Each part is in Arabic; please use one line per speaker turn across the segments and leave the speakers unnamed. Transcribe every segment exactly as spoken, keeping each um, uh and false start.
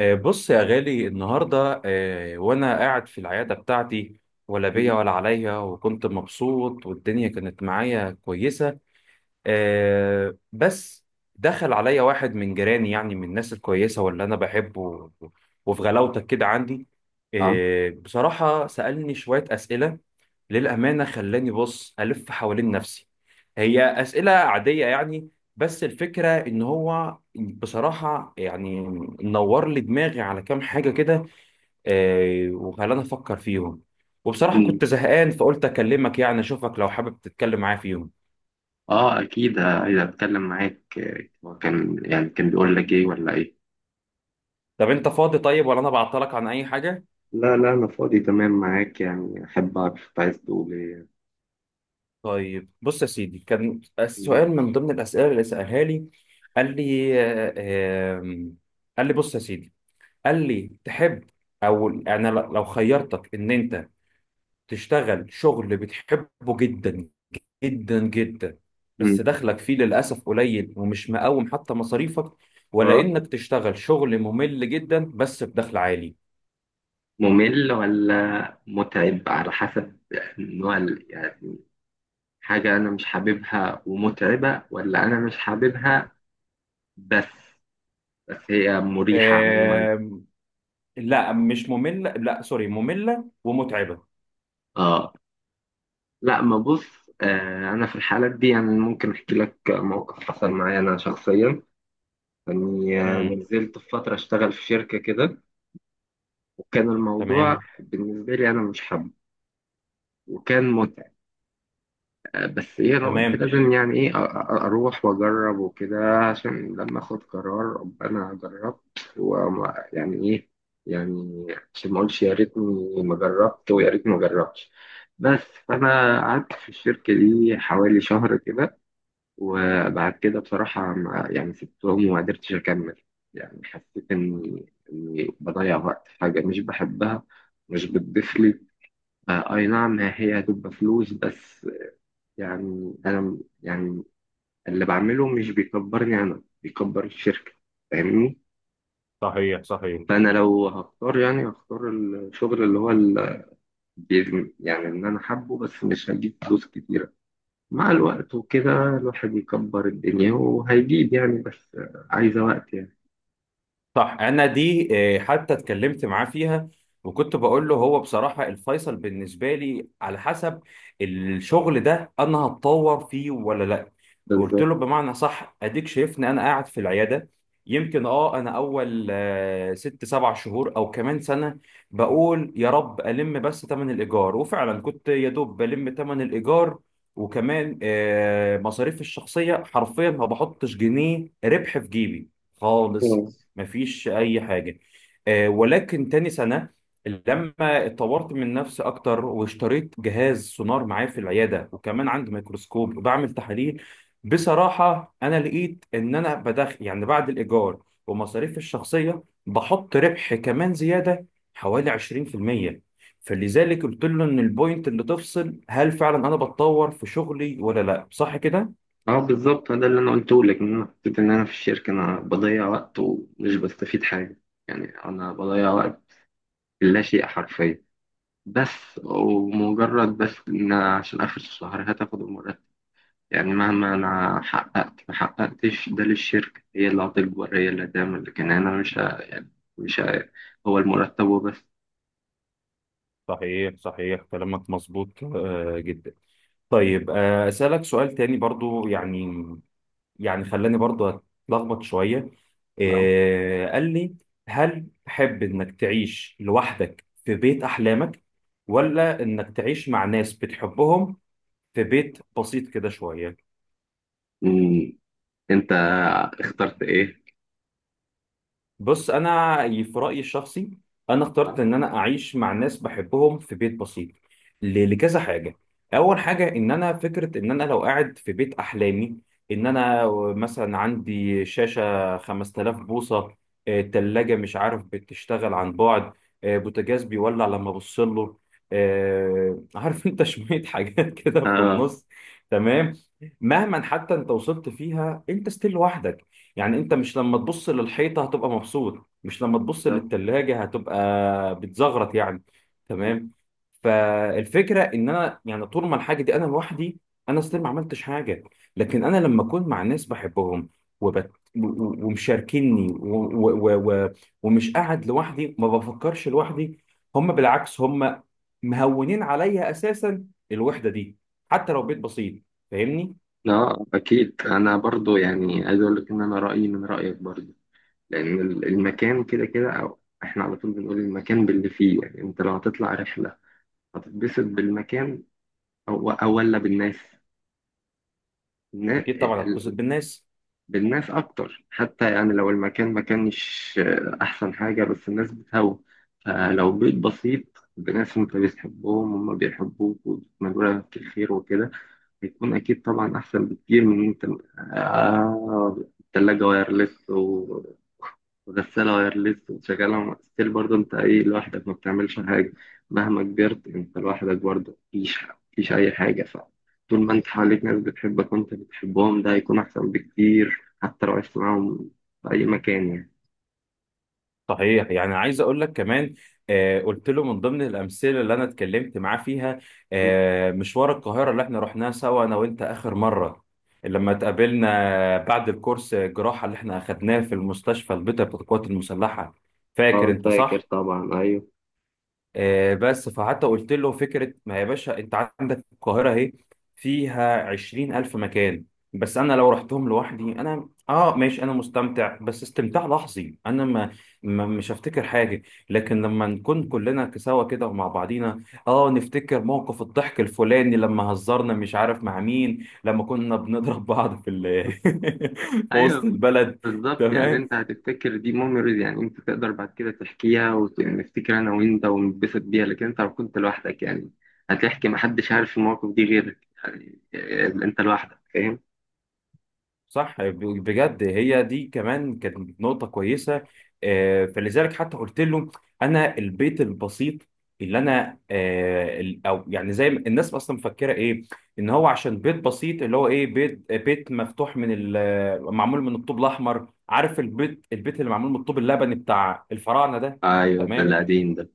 آه، بص يا غالي، النهاردة آه، وأنا قاعد في العيادة بتاعتي، ولا بيا ولا عليا، وكنت مبسوط والدنيا كانت معايا كويسة. آه بس دخل عليا واحد من جيراني، يعني من الناس الكويسة واللي أنا بحبه، و- وفي غلاوتك كده عندي.
اه،
آه بصراحة سألني شوية أسئلة، للأمانة خلاني بص ألف حوالين نفسي. هي أسئلة عادية يعني، بس الفكرة إن هو بصراحة يعني نور لي دماغي على كام حاجة كده، آه، وخلاني أفكر فيهم. وبصراحة
أكيد.
كنت زهقان فقلت أكلمك، يعني أشوفك لو حابب تتكلم معايا فيهم.
اه، اكيد، ه- اذا اتكلم معاك، آه، هو كان يعني كان بيقول لك ايه ولا ايه؟
طب انت فاضي طيب، ولا انا بعطلك عن اي حاجه؟
لا، لا انا فاضي تمام معاك، يعني احب اعرف أنت عايز تقول ايه.
طيب، بص يا سيدي، كان
مم.
سؤال من ضمن الاسئله اللي سالها لي. قال لي آه، آم، قال لي بص يا سيدي. قال لي: تحب، او انا ل- لو خيرتك ان انت تشتغل شغل بتحبه جدا جدا جدا،
مم.
بس دخلك فيه للاسف قليل ومش مقوم حتى مصاريفك، ولا
اه،
انك تشتغل شغل ممل جدا بس بدخل عالي.
ممل ولا متعب؟ على حسب نوع ال- يعني حاجة انا مش حاببها ومتعبة، ولا انا مش حاببها بس؟ بس هي مريحة عموما.
آم، لا مش ممل، لا سوري، مملة ومتعبة.
اه، لا، ما بص، آه انا في الحالات دي يعني ممكن احكي لك موقف حصل معايا انا شخصيا. يعني آه،
امم
نزلت في فترة أشتغل في شركة كده، وكان الموضوع
تمام،
بالنسبة لي أنا مش حابه، وكان متعب. آه، بس إيه، أنا قلت
تمام.
لازم يعني إيه أ- أ- أروح وأجرب وكده، عشان لما أخد قرار أبقى أنا جربت ويعني إيه. يعني عشان ما أقولش يا ريتني ما جربت ويا ريتني ما جربتش. بس فأنا قعدت في الشركة دي حوالي شهر كده، وبعد كده بصراحة ما يعني سبتهم وما قدرتش أكمل. يعني حسيت إني إني بضيع وقت في حاجة مش بحبها، مش بتضيف لي. آه، أي نعم، هي هتبقى فلوس بس، يعني أنا م- يعني اللي بعمله مش بيكبرني، أنا بيكبر الشركة. فاهمني؟
صحيح، صحيح.
فأنا لو هختار يعني هختار الشغل اللي هو ال- بيز- يعني إن أنا حابه، بس مش هجيب فلوس كتيرة. مع الوقت وكده الواحد يكبر الدنيا وهيجيب يعني، بس عايزة وقت يعني.
صح. انا دي آه، حتى اتكلمت معاه فيها. وكنت بقول له: هو بصراحة الفيصل بالنسبة لي على حسب الشغل ده انا هتطور فيه ولا لا. قلت
بالظبط.
له بمعنى صح، اديك شايفني انا قاعد في العيادة، يمكن اه انا اول آه، ست سبع شهور او كمان سنة، بقول يا رب الم بس تمن الايجار، وفعلا كنت يا دوب بلم تمن الايجار، وكمان آه، مصاريفي الشخصية حرفيا ما بحطش جنيه ربح في جيبي خالص.
مم.
مفيش اي حاجه. آه، ولكن تاني سنه لما اتطورت من نفسي اكتر، واشتريت جهاز سونار معايا في العياده، وكمان عندي ميكروسكوب وبعمل تحاليل، بصراحه انا لقيت ان انا بدخل، يعني بعد الايجار ومصاريف الشخصيه، بحط ربح كمان زياده حوالي عشرين في المية. فلذلك قلت له ان البوينت اللي تفصل هل فعلا انا بتطور في شغلي ولا لا، صح كده؟
اه، بالظبط، ده اللي انا قلته لك، ان انا حسيت ان انا في الشركه انا بضيع وقت ومش بستفيد حاجه. يعني انا بضيع وقت في لا شيء حرفيا، بس ومجرد بس ان أنا عشان اخر الشهر هتاخد المرتب. يعني مهما انا حققت ما حققتش ده للشركه، هي اللي هتكبر، هي اللي هتعمل، لكن انا مش ه... يعني مش ه... هو المرتب وبس.
صحيح، صحيح، كلامك مظبوط آه، جدا. طيب، آه، أسألك سؤال تاني برضو يعني، يعني خلاني برضو أتلخبط شوية.
نعم.
آه، قال لي: هل تحب إنك تعيش لوحدك في بيت أحلامك، ولا إنك تعيش مع ناس بتحبهم في بيت بسيط كده شوية؟
مم. انت اخترت ايه؟
بص انا في رايي الشخصي، انا اخترت
اه،
ان انا اعيش مع ناس بحبهم في بيت بسيط ل- لكذا حاجه. اول حاجه ان انا فكره ان انا لو قاعد في بيت احلامي، ان انا مثلا عندي شاشه خمس آلاف بوصه، آه، تلاجة مش عارف بتشتغل عن بعد، آه، بوتاجاز بيولع لما ابص له، آه، عارف انت شويه حاجات كده في
آه،
النص. تمام. مهما حتى انت وصلت فيها، انت ستيل لوحدك. يعني انت مش لما تبص للحيطة هتبقى مبسوط، مش لما تبص
بالظبط.
للتلاجة هتبقى بتزغرط يعني. تمام. فالفكرة ان انا، يعني طول ما الحاجة دي انا لوحدي، انا اصلا ما عملتش حاجة. لكن انا لما اكون مع ناس بحبهم وبت... و- و- ومشاركيني و... و... و... و... ومش قاعد لوحدي، ما بفكرش لوحدي. هم بالعكس، هم مهونين عليا اساسا الوحدة دي، حتى لو بيت بسيط. فاهمني؟
اه، اكيد انا برضو يعني عايز اقول لك ان انا رايي من رايك برضو. لان ال- المكان كده كده، او احنا على طول بنقول المكان باللي فيه. يعني انت لو هتطلع رحله هتتبسط بالمكان او او ولا بالناس؟ النا-
اكيد طبعا هتبسط
ال-
بالناس.
بالناس اكتر، حتى يعني لو المكان ما كانش احسن حاجه بس الناس بتهوى. فلو بيت بسيط بناس انت بتحبهم وهم بيحبوك وبتتمنوا لك الخير وكده، بيكون أكيد طبعا أحسن بكتير من إن أنت آه التلاجة وايرلس و- وغسالة وايرلس وشغالة ستيل، برضه أنت إيه لوحدك ما بتعملش حاجة. مهما كبرت أنت لوحدك برضه مفيش مفيش أي حاجة. فطول ما أنت حواليك ناس بتحبك وأنت بتحبهم، ده هيكون أحسن بكتير، حتى لو عشت معاهم في أي مكان يعني.
صحيح. يعني عايز اقول لك كمان، آه قلت له من ضمن الامثله اللي انا اتكلمت معاه فيها، آه مشوار القاهره اللي احنا رحناه سوا انا وانت اخر مره لما اتقابلنا بعد الكورس الجراحه اللي احنا اخدناه في المستشفى البيطري بتاع القوات المسلحه. فاكر
أه،
انت،
فاكر
صح؟
طبعا، أيوه.
آه، بس فحتى قلت له: فكرة ما، يا باشا انت عندك القاهرة اهي، فيها عشرين ألف مكان. بس أنا لو رحتهم لوحدي، أنا آه ماشي، أنا مستمتع بس استمتاع لحظي، أنا ما ما- مش هفتكر حاجة. لكن لما نكون كلنا سوا كده ومع بعضينا، آه نفتكر موقف الضحك الفلاني، لما هزرنا مش عارف مع مين، لما كنا بنضرب بعض في ال في وسط
ايوه
البلد.
بالظبط، يعني
تمام.
انت هتفتكر دي ميموريز، يعني انت تقدر بعد كده تحكيها ونفتكر انا وانت ونتبسط بيها، لكن انت لو كنت لوحدك يعني هتحكي محدش عارف المواقف دي غيرك. إيه، انت لوحدك فاهم.
صح. ب- بجد هي دي كمان كانت نقطة كويسة. آه، فلذلك حتى قلت له: أنا البيت البسيط اللي أنا آه، ال- أو يعني زي ما الناس أصلا مفكرة إيه، إن هو عشان بيت بسيط اللي هو إيه، بيت بيت مفتوح من ال- معمول من الطوب الأحمر، عارف البيت البيت اللي معمول من الطوب اللبني بتاع الفراعنة ده.
ايوه، ده
تمام.
القديم ده.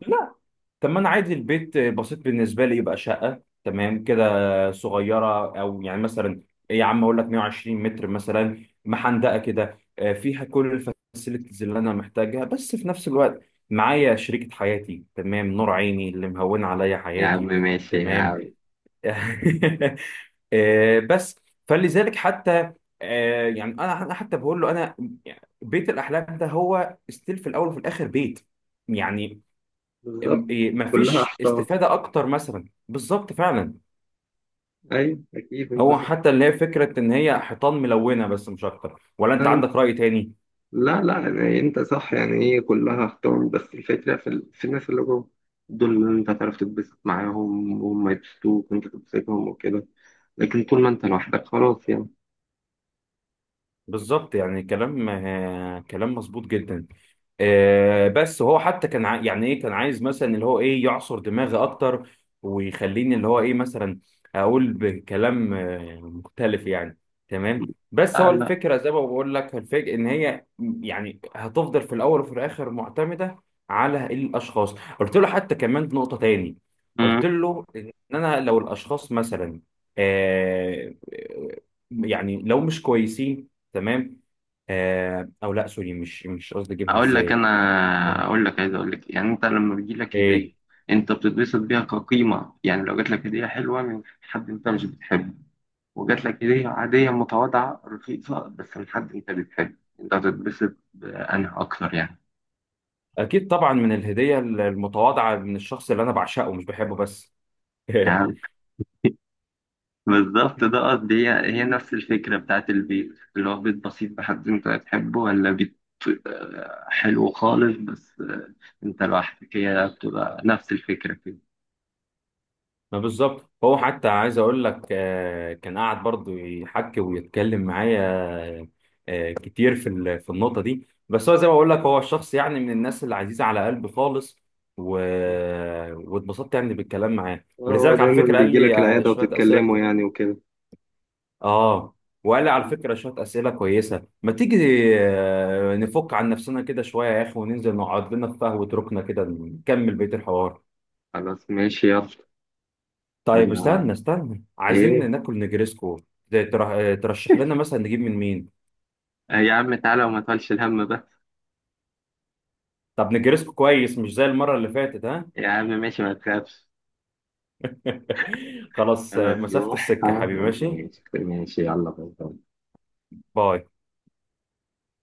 طب ما انا عادي البيت بسيط بالنسبه لي يبقى شقه تمام كده، صغيره، او يعني مثلا يا عم اقول لك مية وعشرين متر مثلا محندقه كده، آه، فيها كل الفاسيلتيز اللي انا محتاجها، بس في نفس الوقت معايا شريكه حياتي، تمام، نور عيني اللي مهون عليا
يا عم
حياتي.
ماشي يا
تمام.
عم.
آه، بس. فلذلك حتى آه، يعني انا، أنا حتى بقول له انا يعني بيت الاحلام ده هو ستيل في الاول وفي الاخر بيت يعني.
بالظبط، كلها
مفيش
احطاط.
استفادة أكتر مثلا، بالظبط فعلا.
ايوه اكيد انت
هو
صح.
حتى اللي هي فكرة إن هي حيطان ملونة بس، مش أكتر، ولا أنت
ايوه.
عندك رأي تاني؟
لا، لا، يعني انت صح، يعني هي كلها اختار، بس الفكرة في, ال... في الناس اللي جوه، دول اللي انت هتعرف تتبسط معاهم وهم يبسطوك وانت تبسطهم وكده. لكن طول ما انت لوحدك خلاص يعني.
بالظبط. يعني كلام آه، كلام مظبوط جدا. آه، بس هو حتى كان عا- يعني ايه، كان عايز مثلا اللي هو ايه يعصر دماغي اكتر، ويخليني اللي هو ايه مثلا اقول بكلام آه، مختلف يعني. تمام. بس
لا،
هو
لا.
الفكره، زي ما بقول لك، الفكره ان هي يعني هتفضل في الاول وفي الاخر معتمده على الاشخاص. قلت له حتى كمان نقطه تاني،
مم.
قلت له ان انا لو الاشخاص مثلا، آه، يعني لو مش كويسين، تمام، آه او لا سوري، مش مش قصدي اجيبها
اقول لك
ازاي.
انا
ايه،
اقول لك عايز اقول لك، يعني انت لما بيجي لك هدية
إيه؟
انت بتتبسط بيها كقيمة. يعني لو جات لك هدية حلوة من حد انت مش بتحبه، وجات لك هدية عادية متواضعة رخيصة بس من حد انت بتحبه، انت هتتبسط بأنها اكتر يعني.
اكيد طبعا، من الهديه المتواضعه من الشخص اللي انا بعشقه مش بحبه بس.
يعني بالظبط، ده قصدي. هي هي نفس الفكرة بتاعت البيت، اللي هو بيت بسيط محدش انت هتحبه، ولا بيت آه، حلو خالص بس آه، انت لوحدك، هي بتبقى نفس الفكرة كده.
ما بالظبط. هو حتى عايز اقول لك آه، كان قاعد برضو يحكي ويتكلم معايا آه، كتير في ال- في النقطه دي. بس هو، زي ما بقول لك، هو الشخص يعني من الناس اللي عزيزه على قلبي خالص. و... واتبسطت يعني بالكلام معاه،
آه، هو
ولذلك على
دايما
فكره قال
بيجي
لي
لك
آه،
العيادة
شويه اسئله.
وتتكلموا يعني وكده.
اه. وقال لي: على فكرة شوية أسئلة كويسة، ما تيجي آه، نفك عن نفسنا كده شوية يا أخي، وننزل نقعد لنا في قهوة ركنة كده نكمل بقية الحوار.
خلاص ماشي يلا.
طيب،
انا؟
استنى استنى،
ايه؟
عايزين ناكل نجريسكو، ده تر- آه، ترشح لنا مثلا نجيب من مين.
آه يا عم تعالى وما تقولش الهم بس.
طب نجريسكو كويس مش زي المرة اللي فاتت، ها؟
يا عم ماشي ما تخافش.
خلاص. آه،
خلاص
مسافة
روح.
السكة
آه،
حبيبي ماشي.
ماشي ماشي يلا، باي باي.
باي.